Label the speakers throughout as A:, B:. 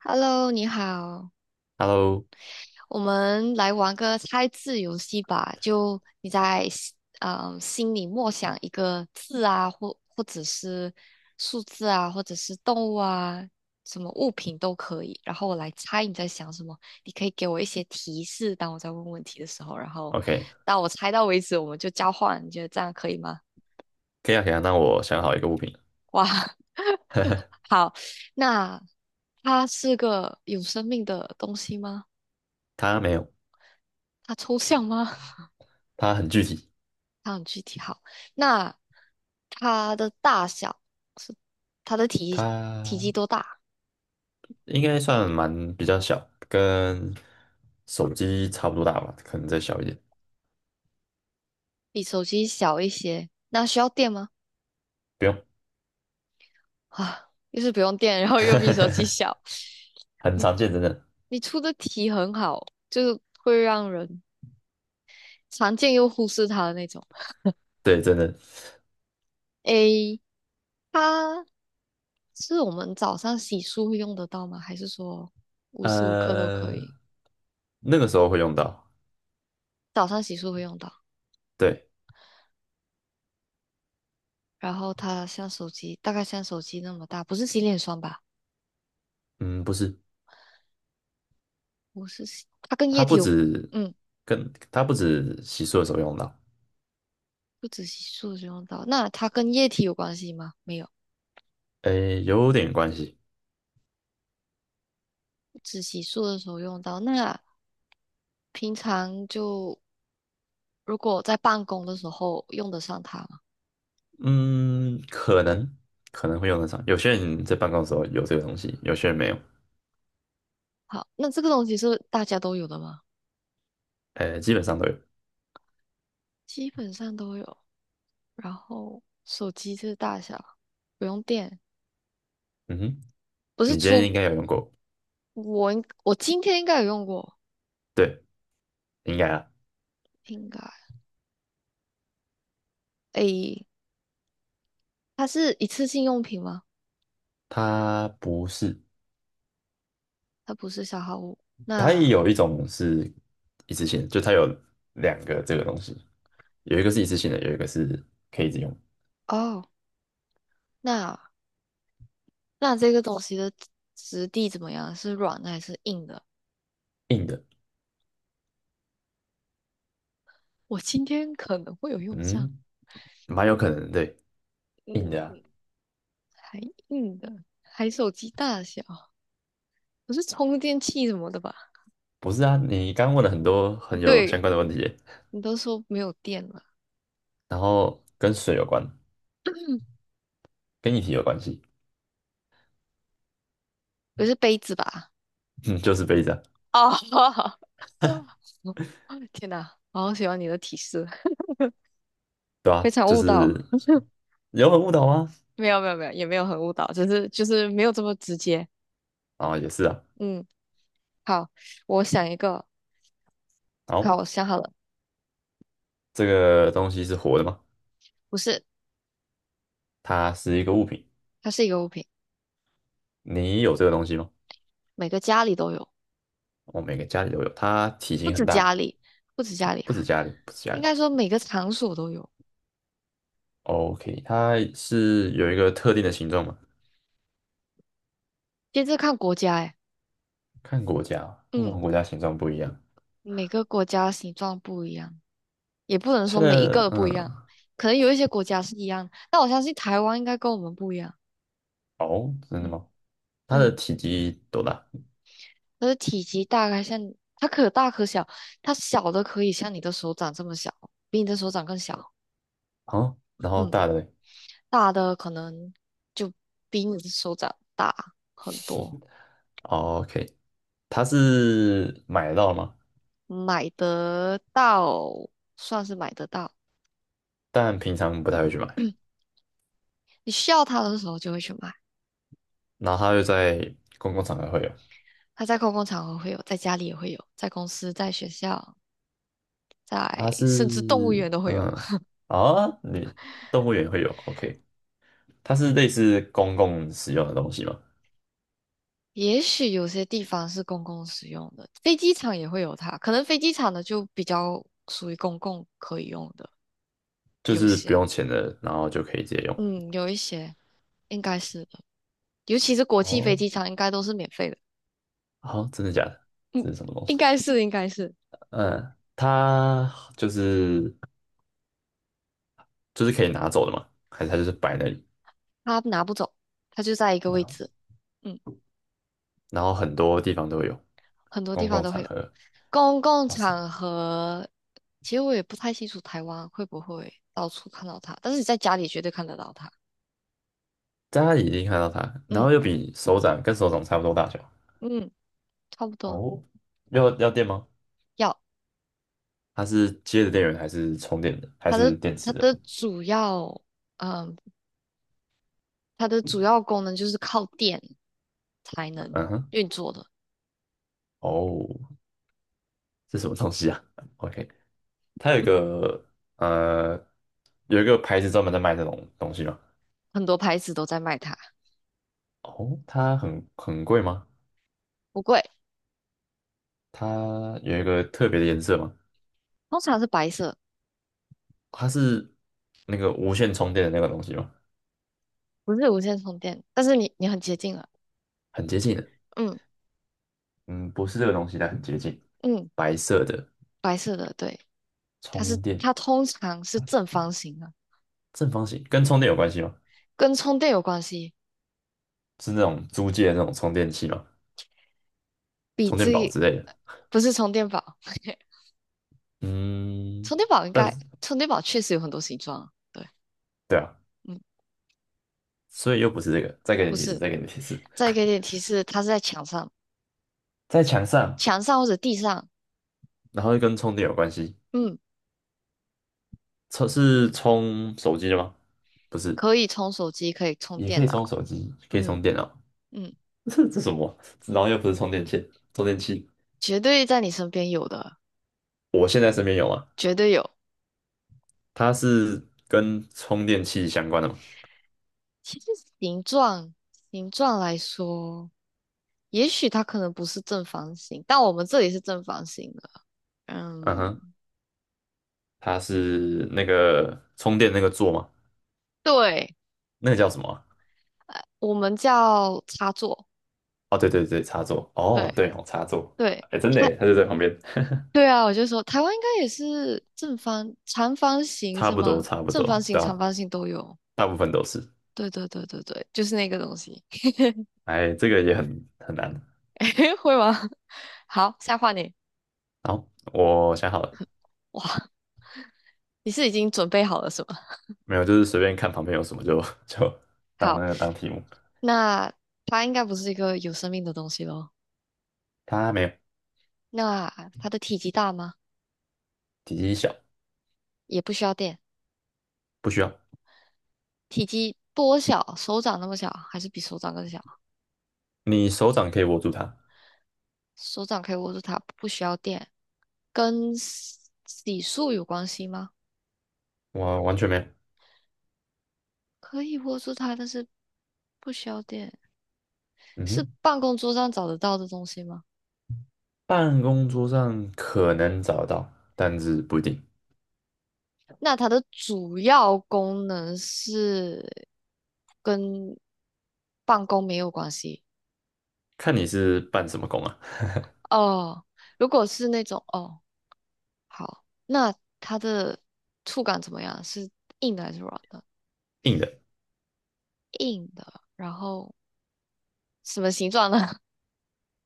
A: Hello，你好，
B: Hello，OK，
A: 我们来玩个猜字游戏吧。就你在心里默想一个字啊，或者是数字啊，或者是动物啊，什么物品都可以。然后我来猜你在想什么。你可以给我一些提示，当我在问问题的时候，然后到我猜到为止，我们就交换。你觉得这样可以吗？
B: 可以啊，可以啊。那我想好一个物品。
A: 哇，好，那它是个有生命的东西吗？
B: 它没有，
A: 它抽象吗？
B: 它很具体，
A: 它很具体好，那它的大小是它的体积多
B: 它
A: 大？
B: 应该算蛮比较小，跟手机差不多大吧，可能再小一点。
A: 比手机小一些，那需要电吗？
B: 不用。
A: 啊，又是不用电，然后又比手 机小。
B: 很
A: 你
B: 常见，真的。
A: 你出的题很好，就是会让人常见又忽视它的那种。
B: 对，真的。
A: 诶，它是我们早上洗漱会用得到吗？还是说无时无刻都可
B: 呃，
A: 以？
B: 那个时候会用到。
A: 早上洗漱会用到，
B: 对。
A: 然后它像手机，大概像手机那么大，不是洗脸霜吧？
B: 嗯，不是，
A: 我是洗它跟液
B: 它
A: 体
B: 不
A: 有，
B: 止
A: 嗯，
B: 它不止洗漱的时候用到，
A: 不止洗漱的时候用到。那它跟液体有关系吗？没有，
B: 诶，有点关系。
A: 只洗漱的时候用到。那平常就如果在办公的时候用得上它吗？
B: 嗯，可能会用得上。有些人在办公的时候有这个东西，有些人没有。
A: 好，那这个东西是大家都有的吗？
B: 呃，基本上都有。
A: 基本上都有。然后手机这个大小不用电，
B: 嗯哼，
A: 不是
B: 你今天
A: 出
B: 应该有用过，
A: 我今天应该有用过，
B: 对，应该啊。
A: 应该诶，它是一次性用品吗？
B: 它不是，
A: 它不是消耗物。
B: 它也
A: 那
B: 有一种是一次性的，就它有两个这个东西，有一个是一次性的，有一个是可以一直用。
A: 哦，那。那这个东西的质地怎么样？是软的还是硬的？
B: 硬的。
A: 我今天可能会有用上，
B: 嗯，蛮有可能的，对，硬的啊。
A: 嗯，还硬的，还手机大小，不是充电器什么的吧？
B: 不是啊，你刚刚问了很多很有相
A: 对，
B: 关的问题耶。
A: 你都说没有电了，
B: 然后跟水有关，跟液体有关系。
A: 不是杯子吧？
B: 嗯，就是杯子啊。
A: 哦，天哪，我好喜欢你的提示，
B: 对
A: 非
B: 啊，
A: 常
B: 就
A: 误导。
B: 是 有很误导吗？
A: 没有没有没有，也没有很误导，只是就是没有这么直接。
B: 啊，哦也是啊。
A: 嗯，好，我想一个，
B: 好，
A: 好，我想好了，
B: 这个东西是活的吗？
A: 不是，
B: 它是一个物品。
A: 它是一个物品。
B: 你有这个东西吗？
A: 每个家里都有，
B: 我每个家里都有，它体
A: 不
B: 型
A: 止
B: 很
A: 家
B: 大，
A: 里，不止家里
B: 不
A: 啊，
B: 止家里，不止家
A: 应该
B: 里。
A: 说每个场所都有。
B: OK，它是有一个特定的形状吗？
A: 其实看国家，哎，
B: 看国家哦，为什么
A: 嗯，
B: 国家形状不一样。
A: 每个国家形状不一样，也不能
B: 它
A: 说每一个
B: 的
A: 都不
B: 嗯，
A: 一样，可能有一些国家是一样，但我相信台湾应该跟我们不一样。
B: 哦，真的
A: 嗯
B: 吗？它的
A: 嗯，
B: 体积多大？
A: 它的体积大概像它可大可小，它小的可以像你的手掌这么小，比你的手掌更小。
B: 哦，然后
A: 嗯，
B: 大的。
A: 大的可能就比你的手掌大很多。
B: OK， 它是买得到吗？
A: 买得到，算是买得到。
B: 但平常不太会去买，
A: 你需要它的时候就会去买，
B: 然后它又在公共场合会有。
A: 它在公共场合会有，在家里也会有，在公司、在学校、在
B: 它
A: 甚
B: 是
A: 至动物园都会有。
B: 嗯，啊，你动物园会有，OK。它是类似公共使用的东西吗？
A: 也许有些地方是公共使用的，飞机场也会有它，可能飞机场的就比较属于公共可以用的，
B: 就
A: 有
B: 是不
A: 些，
B: 用钱的，然后就可以直接用。
A: 嗯，有一些应该是的，尤其是国际飞
B: 哦，
A: 机场应该都是免费的，
B: 好，真的假的？
A: 嗯，
B: 这是什么东
A: 应
B: 西？
A: 该是应该是，
B: 嗯，它就是就是可以拿走的嘛？还是它就是摆那里？
A: 他拿不走，他就在一个
B: 然
A: 位
B: 后
A: 置，嗯。
B: 然后很多地方都有，
A: 很多地
B: 公
A: 方
B: 共
A: 都
B: 场
A: 会有。
B: 合。
A: 公共
B: 哇塞，
A: 场合，其实我也不太清楚台湾会不会到处看到它，但是你在家里绝对看得到它。
B: 大家已经看到它，然
A: 嗯
B: 后又比手掌跟手掌差不多大小。
A: 嗯，差不多。
B: 哦，要要电吗？
A: 要
B: 它是接的电源还是充电的，还
A: 它的
B: 是电
A: 它
B: 池的？
A: 的主要，嗯，它的主要功能就是靠电才能
B: 嗯哼，
A: 运作的，
B: 哦，这什么东西啊？OK。它有一个呃，有一个牌子专门在卖这种东西吗？
A: 很多牌子都在卖它，
B: 哦，它很很贵吗？
A: 不贵，
B: 它有一个特别的颜色吗？
A: 通常是白色，
B: 它是那个无线充电的那个东西吗？
A: 不是无线充电，但是你很接近了。
B: 很接近的。
A: 嗯
B: 嗯，不是这个东西，但很接近，
A: 嗯，
B: 白色的
A: 白色的，对，它是
B: 充电，
A: 它通常是正方形的。
B: 正方形，跟充电有关系吗？
A: 跟充电有关系，
B: 是那种租借的那种充电器吗？
A: 比
B: 充电宝
A: 记
B: 之类的？
A: 不是充电宝，
B: 嗯，
A: 充电宝应
B: 但
A: 该
B: 是
A: 充电宝确实有很多形状啊，对，
B: 对啊，
A: 嗯，
B: 所以又不是这个，再给
A: 不
B: 你提示，
A: 是，
B: 再给你提示，
A: 再给点提示，它是在墙上，
B: 在墙上，
A: 墙上或者地上，
B: 然后又跟充电有关系。
A: 嗯，
B: 充是充手机的吗？不是，
A: 可以充手机，可以充
B: 也可
A: 电
B: 以充
A: 脑，
B: 手机，可以充
A: 嗯
B: 电脑。
A: 嗯，
B: 这这什么？然后又不是充电线、充电器。
A: 绝对在你身边有的，
B: 我现在身边有啊，
A: 绝对有。
B: 它是跟充电器相关的吗？
A: 其实形状形状来说，也许它可能不是正方形，但我们这里是正方形的，
B: 嗯哼，
A: 嗯，
B: 它是那个充电那个座吗？
A: 对，
B: 那个叫什么啊。
A: 我们叫插座。
B: 哦，对对对，插座。哦，
A: 对
B: 对哦，插座。
A: 对，
B: 哎，真的
A: 它
B: 耶，它就在旁边。
A: 对啊，我就说台湾应该也是正方、长方形
B: 差
A: 是
B: 不多，
A: 吗？
B: 差不
A: 正
B: 多，
A: 方形、
B: 对
A: 长
B: 啊，
A: 方形都有。
B: 大部分都是。
A: 对对对对对，就是那个东西，
B: 哎，这个也很很难。
A: 会吗？好，下换你。
B: 好，我想好了。
A: 哇，你是已经准备好了是吗？
B: 没有，就是随便看旁边有什么就 就当
A: 好，
B: 那个当题目。
A: 那它应该不是一个有生命的东西咯。
B: 它没有，
A: 那它的体积大吗？
B: 体积小，
A: 也不需要电，
B: 不需要。
A: 体积多小？手掌那么小，还是比手掌更小？
B: 你手掌可以握住它，
A: 手掌可以握住它，不需要电，跟洗漱有关系吗？
B: 我完全没有。
A: 可以握住它，但是不需要电，
B: 嗯
A: 是
B: 哼，
A: 办公桌上找得到的东西吗？
B: 办公桌上可能找得到，但是不一定，
A: 那它的主要功能是跟办公没有关系
B: 看你是办什么工啊。
A: 哦。如果是那种哦，好，那它的触感怎么样？是硬的还是软的？
B: 硬的，
A: 硬的，然后什么形状呢？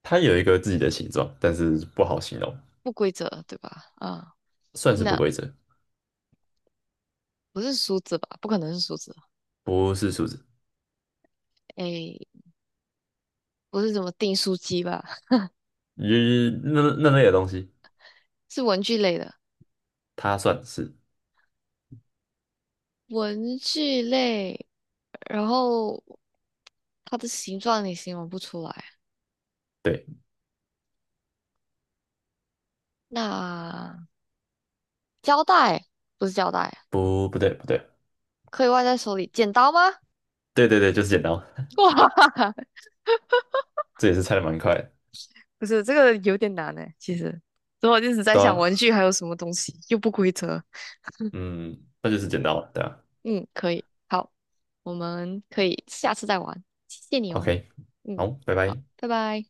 B: 它有一个自己的形状，但是不好形容，
A: 不规则，对吧？啊
B: 算
A: 嗯，
B: 是不
A: 那
B: 规则，
A: 不是梳子吧？不可能是梳子。
B: 不是数字。
A: 诶，不是什么订书机吧？
B: 咦，那那类的东西，
A: 是文具类的，
B: 它算是
A: 文具类。然后它的形状你形容不出来。
B: 对，
A: 那胶带不是胶带，
B: 不不对不对，
A: 可以握在手里。剪刀吗？
B: 对对对，就是剪刀。
A: 哇，
B: 这也是猜的蛮快的，
A: 不是，这个有点难呢。其实，所以我一直在
B: 对
A: 想
B: 啊，
A: 文具还有什么东西又不规则。
B: 嗯，那就是剪刀了，对吧？
A: 嗯，可以，好，我们可以下次再玩。谢谢你哦。
B: OK，
A: 嗯，
B: 好，拜
A: 好，
B: 拜。
A: 拜拜。